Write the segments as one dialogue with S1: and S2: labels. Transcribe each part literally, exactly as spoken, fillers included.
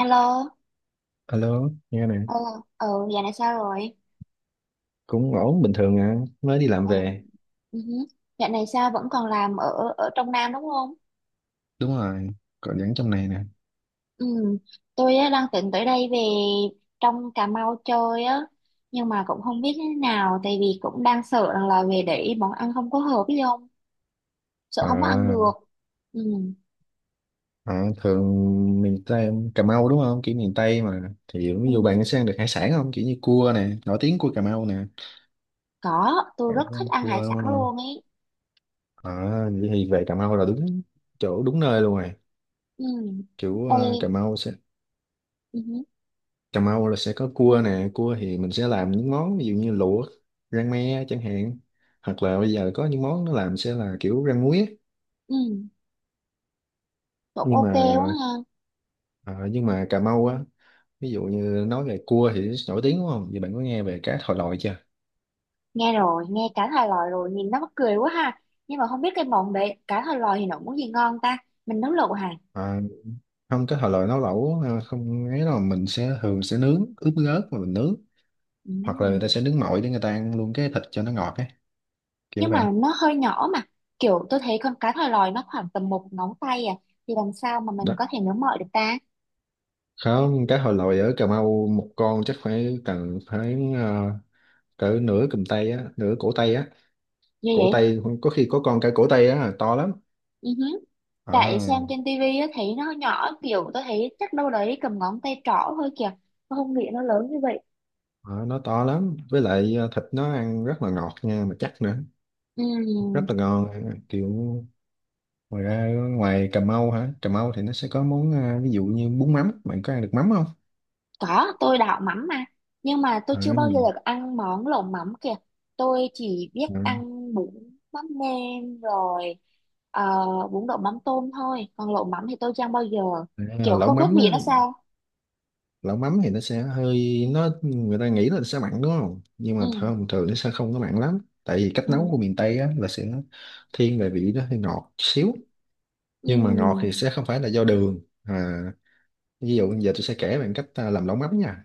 S1: Alo,
S2: Alo, nghe nè.
S1: ờ, ừ, dạo này sao rồi?
S2: Cũng ổn bình thường à, mới đi làm
S1: Ờ,
S2: về.
S1: ừ hứ. Dạo này sao vẫn còn làm ở ở trong Nam đúng không?
S2: Đúng rồi, còn vẫn trong này nè.
S1: Ừ, tôi á, đang tính tới đây về trong Cà Mau chơi á, nhưng mà cũng không biết như thế nào, tại vì cũng đang sợ rằng là về để món ăn không có hợp với không, sợ không có ăn
S2: À,
S1: được. Ừ,
S2: à thường miền Tây, Cà Mau đúng không? Kiểu miền Tây mà. Thì
S1: ừ,
S2: ví dụ bạn sẽ ăn được hải sản không? Kiểu như cua nè, nổi tiếng cua Cà Mau nè.
S1: có, tôi
S2: Bạn
S1: rất
S2: có
S1: thích
S2: ăn
S1: ăn hải
S2: cua đúng
S1: sản
S2: không?
S1: luôn ấy.
S2: À, vậy thì về Cà Mau là đúng chỗ, đúng nơi luôn rồi.
S1: Ừ,
S2: Kiểu à, Cà
S1: đây,
S2: Mau sẽ
S1: ừ, hứ,
S2: Cà Mau là sẽ có cua nè, cua thì mình sẽ làm những món ví dụ như luộc, rang me chẳng hạn. Hoặc là bây giờ có những món nó làm sẽ là kiểu rang muối á.
S1: ừ, cũng
S2: Nhưng
S1: ok
S2: mà
S1: quá ha.
S2: Ờ, nhưng mà Cà Mau á, ví dụ như nói về cua thì nổi tiếng đúng không? Vậy bạn có nghe về cá thòi lòi chưa?
S1: Nghe rồi, nghe cá thòi lòi rồi, nhìn nó mắc cười quá ha. Nhưng mà không biết cái món đấy, cá thòi lòi thì nó món gì ngon ta? Mình nấu lẩu hả?
S2: À, không, cá thòi lòi nấu lẩu ờ, không ấy đâu, mình sẽ thường sẽ nướng ướp gớt mà mình nướng. Hoặc là người
S1: Ừm.
S2: ta sẽ nướng mọi để người ta ăn luôn cái thịt cho nó ngọt ấy, kiểu
S1: Nhưng
S2: vậy.
S1: mà nó hơi nhỏ mà. Kiểu tôi thấy con cá thòi lòi nó khoảng tầm một ngón tay à. Thì làm sao mà mình
S2: Đó,
S1: có thể nấu mọi được ta?
S2: không, cá thòi lòi ở Cà Mau một con chắc phải cần phải ờ, cỡ nửa cầm tay á, nửa cổ tay á.
S1: Như
S2: Cổ
S1: vậy?
S2: tay, có khi có con cả cổ tay á, to lắm.
S1: Ừ hứ.
S2: Ờ,
S1: Tại xem trên tivi á, thấy nó nhỏ, kiểu tôi thấy chắc đâu đấy cầm ngón tay trỏ thôi kìa. Tôi không nghĩ nó lớn như vậy.
S2: ờ, nó to lắm, với lại ờ, thịt nó ăn rất là ngọt nha, mà chắc nữa. Rất
S1: Ừm.
S2: là ngon, kiểu ngoài ra, ngoài Cà Mau hả? Cà Mau thì nó sẽ có món, à, ví dụ như bún mắm. Bạn có ăn được mắm không?
S1: Có, tôi đảo mắm mà. Nhưng mà tôi
S2: à,
S1: chưa bao giờ được ăn món lẩu mắm kìa. Tôi chỉ biết
S2: à,
S1: ăn bún mắm nêm rồi, ờ, bún đậu mắm tôm thôi. Còn lẩu mắm thì tôi chưa ăn bao giờ.
S2: à,
S1: Kiểu
S2: Lẩu
S1: không biết
S2: mắm á,
S1: vị nó sao.
S2: lẩu mắm thì nó sẽ hơi nó người ta nghĩ là sẽ mặn đúng không, nhưng mà
S1: Ừ,
S2: thường thường nó sẽ không có mặn lắm. Tại vì cách
S1: ừ,
S2: nấu của miền Tây á, là sẽ thiên về vị nó hơi ngọt xíu. Nhưng mà ngọt thì
S1: ừ,
S2: sẽ không phải là do đường à, ví dụ giờ tôi sẽ kể bạn cách à, làm lẩu mắm nha.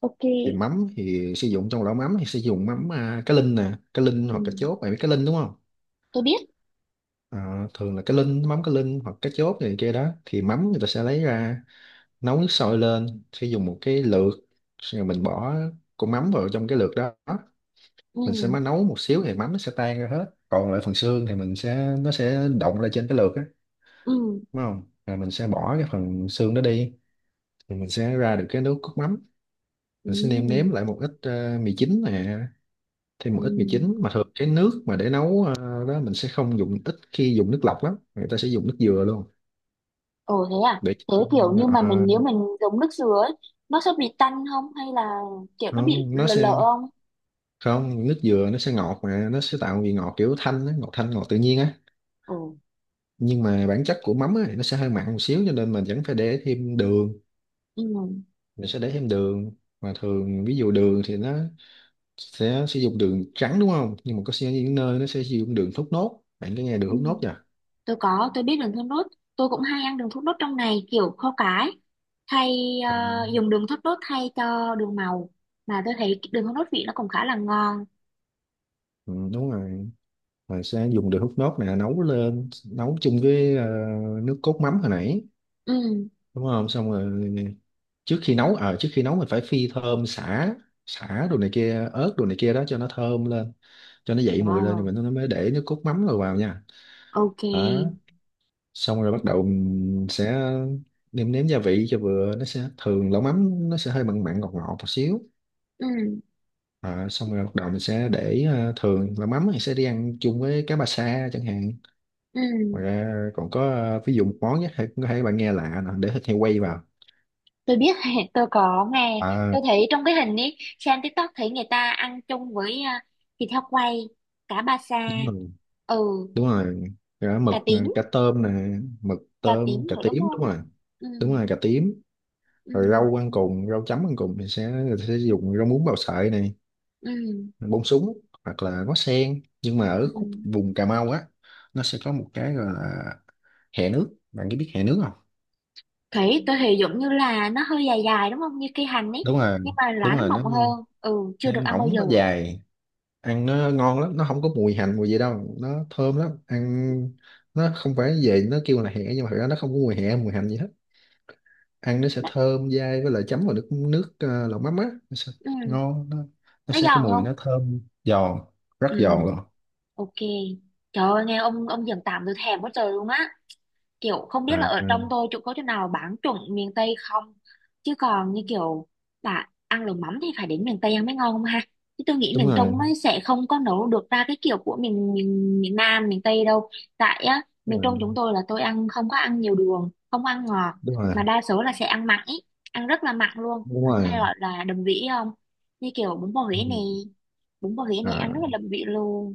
S1: ok.
S2: Thì mắm thì sử dụng Trong lẩu mắm thì sử dụng mắm à, cá linh nè, cá linh
S1: Ừ,
S2: hoặc cá chốt. Bạn biết cá linh đúng không?
S1: tôi biết.
S2: Ờ, Thường là cái link mắm, cái link hoặc cái chốt này kia đó. Thì mắm người ta sẽ lấy ra nấu nước sôi lên, sẽ dùng một cái lược, xong rồi mình bỏ con mắm vào trong cái lược đó.
S1: Ừ,
S2: Mình sẽ mới nấu một xíu thì mắm nó sẽ tan ra hết, còn lại phần xương thì mình sẽ nó sẽ động ra trên cái lược á.
S1: ừ,
S2: Đúng không? Rồi mình sẽ bỏ cái phần xương đó đi, thì mình sẽ ra được cái nước cốt mắm. Mình sẽ nêm nếm
S1: ừ,
S2: lại một ít ờ, mì chính nè, thêm một ít mì
S1: ừ.
S2: chính. Mà thường cái nước mà để nấu ờ, đó, mình sẽ không dùng ít khi dùng nước lọc lắm, người ta sẽ dùng nước dừa luôn.
S1: Ồ thế à?
S2: để cho-
S1: Thế kiểu như mà mình
S2: ờ,
S1: nếu mình dùng nước dừa ấy, nó sẽ bị tanh không? Hay là kiểu nó bị
S2: Không, nó
S1: lợ
S2: sẽ
S1: lợ không?
S2: không nước dừa nó sẽ ngọt, mà nó sẽ tạo vị ngọt kiểu thanh á, ngọt thanh, ngọt tự nhiên á.
S1: Ồ,
S2: Nhưng mà bản chất của mắm á, nó sẽ hơi mặn một xíu, cho nên mình vẫn phải để thêm đường,
S1: ừ,
S2: mình sẽ để thêm đường. Mà thường ví dụ đường thì nó sẽ sử dụng đường trắng đúng không, nhưng mà có sẽ những nơi nó sẽ sử dụng đường thốt nốt. Bạn có nghe đường
S1: ừ.
S2: thốt nốt chưa?
S1: Tôi có, tôi biết đường thốt nốt. Tôi cũng hay ăn đường thốt nốt trong này kiểu kho cái. Thay
S2: Ờ,
S1: ờ, Dùng đường thốt nốt thay cho đường màu. Mà tôi thấy cái đường thốt nốt vị nó cũng khá là ngon.
S2: ừ, đúng rồi, mình sẽ dùng đường hút nốt này nấu lên, nấu chung với ờ, nước cốt mắm hồi nãy.
S1: Ừ,
S2: Đúng không? Xong rồi trước khi nấu ờ trước khi nấu mình phải phi thơm sả, sả đồ này kia, ớt đồ này kia đó, cho nó thơm lên. Cho nó dậy mùi lên thì
S1: wow,
S2: mình nó mới để nước cốt mắm rồi vào nha. Đó,
S1: ok.
S2: xong rồi bắt đầu mình sẽ nêm nếm gia vị cho vừa. Nó sẽ Thường lẩu mắm nó sẽ hơi mặn mặn ngọt ngọt một xíu.
S1: Ừ,
S2: À, xong rồi bắt đầu mình sẽ để ờ, thường lẩu mắm thì sẽ đi ăn chung với cá ba sa chẳng hạn.
S1: ừ.
S2: Ngoài ra còn có ờ, ví dụ một món nhé, có thể bạn nghe lạ nè, để thịt heo quay vào.
S1: Tôi biết, tôi có nghe.
S2: à
S1: Tôi thấy trong cái hình ấy, xem TikTok thấy người ta ăn chung với ờ, thịt heo quay, cá ba sa,
S2: Đúng rồi,
S1: ừ,
S2: đúng rồi, cá mực
S1: cá
S2: ờ,
S1: tím,
S2: cá tôm nè, mực
S1: cá
S2: tôm
S1: tím
S2: cà
S1: nữa đúng
S2: tím, đúng
S1: không?
S2: rồi.
S1: Ừ,
S2: Đúng rồi, cà tím.
S1: ừ,
S2: Rồi rau ăn cùng, rau chấm ăn cùng thì sẽ sẽ dùng rau muống bào sợi này,
S1: ừ,
S2: bông súng hoặc là ngó sen. Nhưng mà ở
S1: ừ.
S2: khúc vùng Cà Mau á, nó sẽ có một cái gọi là hẹ nước. Bạn có biết hẹ nước không?
S1: Thủy tôi thì giống như là nó hơi dài dài đúng không, như cây hành ấy
S2: Đúng rồi,
S1: nhưng mà lá
S2: đúng
S1: nó
S2: rồi, nó,
S1: mọng hơn. Ừ, chưa
S2: nó
S1: được ăn bao
S2: mỏng,
S1: giờ.
S2: nó dài, ăn nó ngon lắm, nó không có mùi hành mùi gì đâu, nó thơm lắm, ăn nó không phải về, nó kêu là hẹ nhưng mà thực ra nó không có mùi hẹ mùi hành gì hết. Ăn nó sẽ
S1: Nó,
S2: thơm dai, với lại chấm vào nước nước ờ, lẩu mắm á, nó sẽ
S1: ừ,
S2: ngon. nó, nó
S1: nó
S2: sẽ cái
S1: giòn
S2: mùi
S1: không?
S2: nó thơm giòn. Rất
S1: Ừ,
S2: giòn luôn.
S1: ok. Trời ơi, nghe ông ông giòn tạm tôi thèm quá trời luôn á. Kiểu không biết là
S2: à,
S1: ở trong tôi chỗ có chỗ nào bán chuẩn miền Tây không, chứ còn như kiểu là ăn lẩu mắm thì phải đến miền Tây ăn mới ngon không ha. Chứ tôi nghĩ
S2: Đúng
S1: miền Trung
S2: rồi,
S1: ấy sẽ không có nấu được ra cái kiểu của miền miền, miền Nam miền Tây đâu. Tại á,
S2: đúng
S1: miền Trung
S2: rồi,
S1: chúng tôi là tôi ăn không có ăn nhiều đường, không ăn ngọt,
S2: đúng rồi,
S1: mà đa số là sẽ ăn mặn ý, ăn rất là mặn luôn,
S2: đúng
S1: hay
S2: rồi.
S1: gọi là đậm vị ấy không. Như kiểu bún bò Huế này,
S2: Ừ.
S1: bún bò Huế này
S2: à,
S1: ăn rất là đậm vị luôn.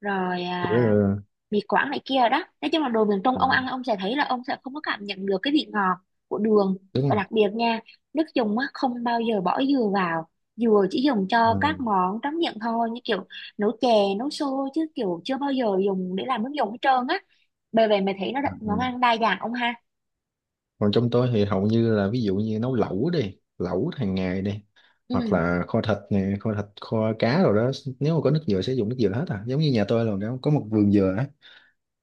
S1: Rồi
S2: tôi rất
S1: à,
S2: là-
S1: mì Quảng này kia đó, nói chung là đồ miền Trung
S2: ừ,
S1: ông ăn ông sẽ thấy là ông sẽ không có cảm nhận được cái vị ngọt của đường.
S2: đúng
S1: Và
S2: rồi.
S1: đặc biệt nha, nước dùng á không bao giờ bỏ dừa vào. Dừa chỉ dùng cho
S2: Ừ,
S1: các món tráng miệng thôi, như kiểu nấu chè, nấu xôi, chứ kiểu chưa bao giờ dùng để làm nước dùng hết trơn á. Bởi vậy mày thấy nó
S2: ừ,
S1: đa- món
S2: ừ.
S1: ăn đa dạng ông ha.
S2: Còn trong tôi thì hầu như là, ví dụ như nấu lẩu đi, lẩu hàng ngày đi, hoặc
S1: Ừ,
S2: là kho thịt nè, kho thịt, kho cá rồi đó. Nếu mà có nước dừa sẽ dùng nước dừa hết à, giống như nhà tôi là có một vườn dừa á,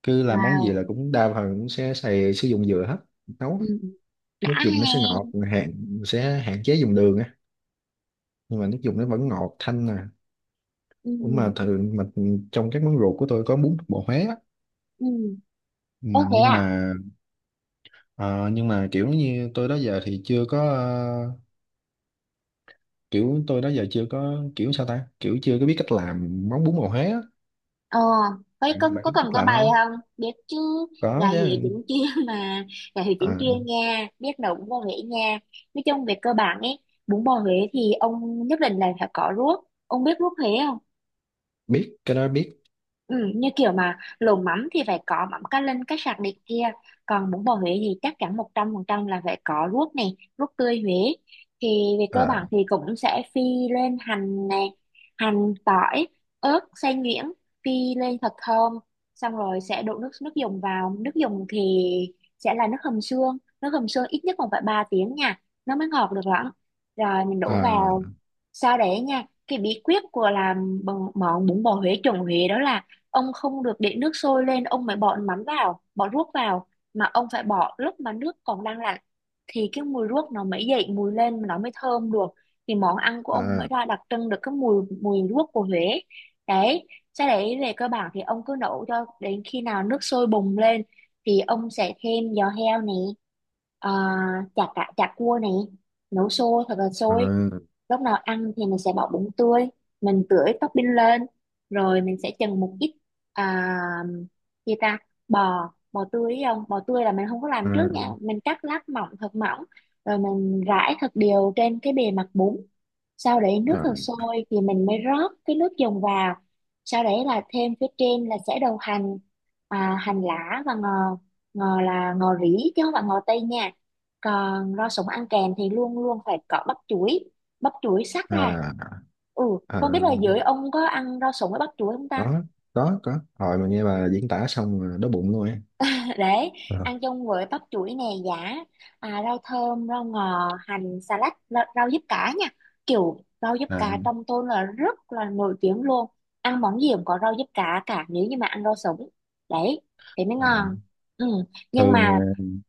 S2: cứ làm món gì là
S1: wow,
S2: cũng đa phần cũng sẽ xài, sử dụng dừa hết. Nấu
S1: ừ.
S2: nước
S1: Đã
S2: dùng nó sẽ
S1: nghe.
S2: ngọt, hạn sẽ hạn chế dùng đường á, nhưng mà nước dùng nó vẫn ngọt thanh nè.
S1: Ừ.
S2: Cũng mà thường mà trong các món ruột của tôi có bún bò Huế á.
S1: Ừ.
S2: Ừ,
S1: Ô thế
S2: nhưng
S1: à?
S2: mà ờ, nhưng mà kiểu như tôi đó giờ thì chưa có ờ, kiểu tôi đó giờ chưa có, kiểu sao ta, kiểu chưa có biết cách làm món bún bò Huế á.
S1: Ờ, có,
S2: bạn
S1: có,
S2: bạn
S1: có
S2: biết
S1: cần
S2: cách
S1: có
S2: làm
S1: bài
S2: không?
S1: không? Biết chứ,
S2: Có
S1: gài Huế
S2: chứ.
S1: chính chuyên mà, gài Huế
S2: Ờ,
S1: chính chuyên nha, biết nấu bún bò Huế nha. Nói chung về cơ bản ấy, bún bò Huế thì ông nhất định là phải có ruốc. Ông biết ruốc Huế không?
S2: Biết, cái đó biết.
S1: Ừ, như kiểu mà lẩu mắm thì phải có mắm cá linh cá sặc này kia, còn bún bò Huế thì chắc chắn một trăm phần trăm là phải có ruốc này, ruốc tươi Huế. Thì về cơ
S2: Ờ,
S1: bản thì cũng sẽ phi lên hành này, hành tỏi, ớt xay nhuyễn, phi lên thật thơm. Xong rồi sẽ đổ nước nước dùng vào. Nước dùng thì sẽ là nước hầm xương, nước hầm xương ít nhất còn phải ba tiếng nha, nó mới ngọt được lắm. Rồi mình
S2: ờ,
S1: đổ vào. Sau đấy nha, cái bí quyết của làm bò- món bún bò Huế chuẩn Huế đó là ông không được để nước sôi lên ông mới bỏ mắm vào, bỏ ruốc vào, mà ông phải bỏ lúc mà nước còn đang là, thì cái mùi ruốc nó mới dậy mùi lên mà nó mới thơm được, thì món ăn của ông mới
S2: ờ,
S1: ra đặc trưng được cái mùi mùi ruốc của Huế. Đấy, sau đấy về cơ bản thì ông cứ nấu cho đến khi nào nước sôi bùng lên, thì ông sẽ thêm giò heo này, à, chả cá chả cua này, nấu sôi thật là
S2: ờ,
S1: sôi. Lúc nào ăn thì mình sẽ bỏ bún tươi, mình tưới topping lên, rồi mình sẽ chần một ít, à, gì ta, bò bò tươi ấy ông, bò tươi là mình không có làm
S2: ờ,
S1: trước nha, mình cắt lát mỏng thật mỏng, rồi mình rải thật đều trên cái bề mặt bún, sau đấy nước
S2: ờ,
S1: thật sôi thì mình mới rót cái nước dùng vào. Sau đấy là thêm phía trên là sẽ đầu hành, à, hành lá và ngò. Ngò là ngò rỉ chứ không phải ngò tây nha. Còn rau sống ăn kèm thì luôn luôn phải có bắp chuối, bắp chuối sắc ra.
S2: ờ,
S1: Ừ.
S2: ờ.
S1: Không biết là dưới ông có ăn rau sống với bắp chuối không
S2: Đó,
S1: ta.
S2: có có rồi mà nghe bà diễn tả xong rồi đói bụng luôn á.
S1: Đấy,
S2: Ờ,
S1: ăn chung với bắp chuối nè, giả à, rau thơm, rau ngò, hành, xà lách, rau, rau diếp cá nha. Kiểu rau diếp
S2: là,
S1: cá trong tôi là rất là nổi tiếng luôn. Ăn món gì cũng có rau diếp cá cả nếu như mà ăn rau sống. Đấy, thế mới
S2: là
S1: ngon. Ừ. Nhưng mà
S2: thường.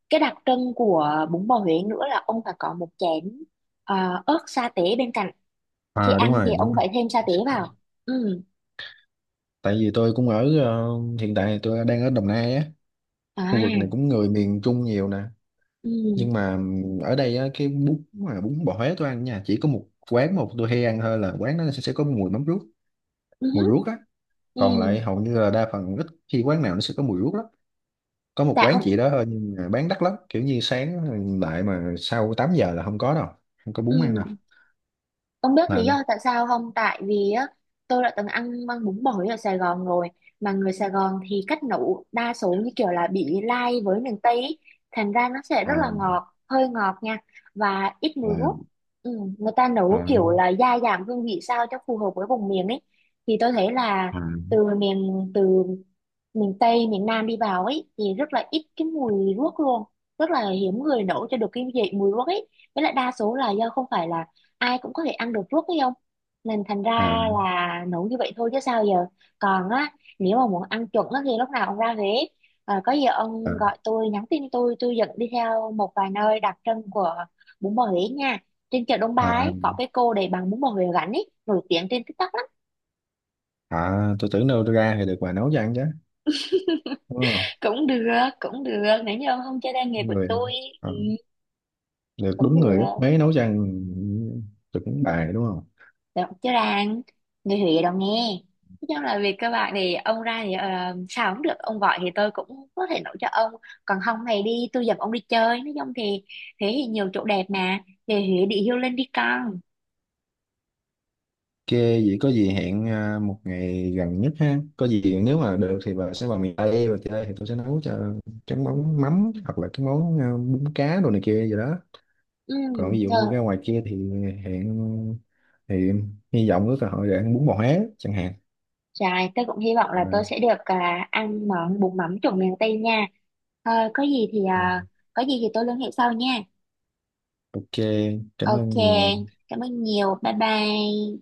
S1: cái đặc trưng của bún bò Huế nữa là ông phải có một chén ờ, ớt sa tế bên cạnh. Khi
S2: à Đúng
S1: ăn thì
S2: rồi, đúng
S1: ông
S2: rồi.
S1: phải thêm sa tế
S2: Sẽ-
S1: vào. Ừ.
S2: Tại vì tôi cũng ở ờ, hiện tại tôi đang ở Đồng Nai á, khu vực này
S1: À.
S2: cũng người miền Trung nhiều nè. Nhưng
S1: Ừ.
S2: mà ừm, ở đây á, cái bún mà bún bò Huế tôi ăn nha, chỉ có một quán, một tôi hay ăn thôi là quán nó sẽ, sẽ có mùi mắm ruốc,
S1: Ừ.
S2: mùi ruốc á.
S1: Ừ.
S2: Còn lại hầu như là đa phần, ít khi quán nào nó sẽ có mùi ruốc lắm. Có một
S1: Tại
S2: quán
S1: ông.
S2: chỉ đó thôi, nhưng mà bán đắt lắm, kiểu như sáng lại mà sau tám giờ là không có đâu, không có bún ăn đâu.
S1: Ừ. Ông biết lý
S2: Là,
S1: do tại sao không? Tại vì á, tôi đã từng ăn măng bún bò ở Sài Gòn rồi. Mà người Sài Gòn thì cách nấu đa số như kiểu là bị lai với miền Tây ý. Thành ra nó sẽ
S2: à,
S1: rất là ngọt, hơi ngọt nha. Và ít mùi ruốc.
S2: à,
S1: Ừ, người ta
S2: à,
S1: nấu kiểu là gia giảm hương vị sao cho phù hợp với vùng miền ấy. Thì tôi thấy là
S2: à,
S1: từ miền từ miền Tây, miền Nam đi vào ấy thì rất là ít cái mùi ruốc luôn. Rất là hiếm người nấu cho được cái vị mùi ruốc ấy. Với lại đa số là do không phải là ai cũng có thể ăn được ruốc ấy không, nên thành ra
S2: à.
S1: là nấu như vậy thôi chứ sao giờ. Còn á, nếu mà muốn ăn chuẩn á thì lúc nào ông ra Huế, à, có gì
S2: À,
S1: ông gọi tôi, nhắn tin tôi tôi dẫn đi theo một vài nơi đặc trưng của bún bò Huế nha. Trên chợ Đông Ba
S2: à,
S1: ấy có cái cô để bán bún bò Huế gắn ấy nổi tiếng trên TikTok lắm.
S2: à, tôi tưởng đâu ra thì được bà nấu cho ăn chứ. Đúng không?
S1: Cũng được, cũng được, nếu như ông không chơi tay nghề của
S2: Người,
S1: tôi,
S2: à, được
S1: cũng
S2: đúng
S1: được.
S2: người gấp mấy nấu cho ăn. Tưởng bà đúng không?
S1: Được chứ, rang. Người Huế đâu nghe. Nói chung là về cơ bản thì ông ra thì ờ, sao cũng được. Ông gọi thì tôi cũng có thể nấu cho ông. Còn không thì đi, tôi dẫn ông đi chơi. Nói chung thì Huế thì nhiều chỗ đẹp mà. Về Huế đi, hiêu lên đi con.
S2: OK, vậy có gì hẹn à, một ngày gần nhất ha, có gì nếu mà được thì bà sẽ vào miền Tây và chơi thì tôi sẽ nấu cho cái món mắm hoặc là cái món à, bún cá đồ này kia gì đó.
S1: Ừ,
S2: Còn ví dụ như
S1: rồi,
S2: ra ngoài kia thì hẹn thì hy vọng có cơ hội để ăn bún bò Huế chẳng hạn.
S1: trời, tôi cũng hy vọng là tôi
S2: Rồi,
S1: sẽ được, à, ăn món bún mắm trộn miền Tây nha. Ờ, có gì thì à, có gì thì tôi liên hệ sau nha.
S2: OK, cảm
S1: Ok.
S2: ơn nhiều.
S1: Cảm ơn nhiều. Bye bye.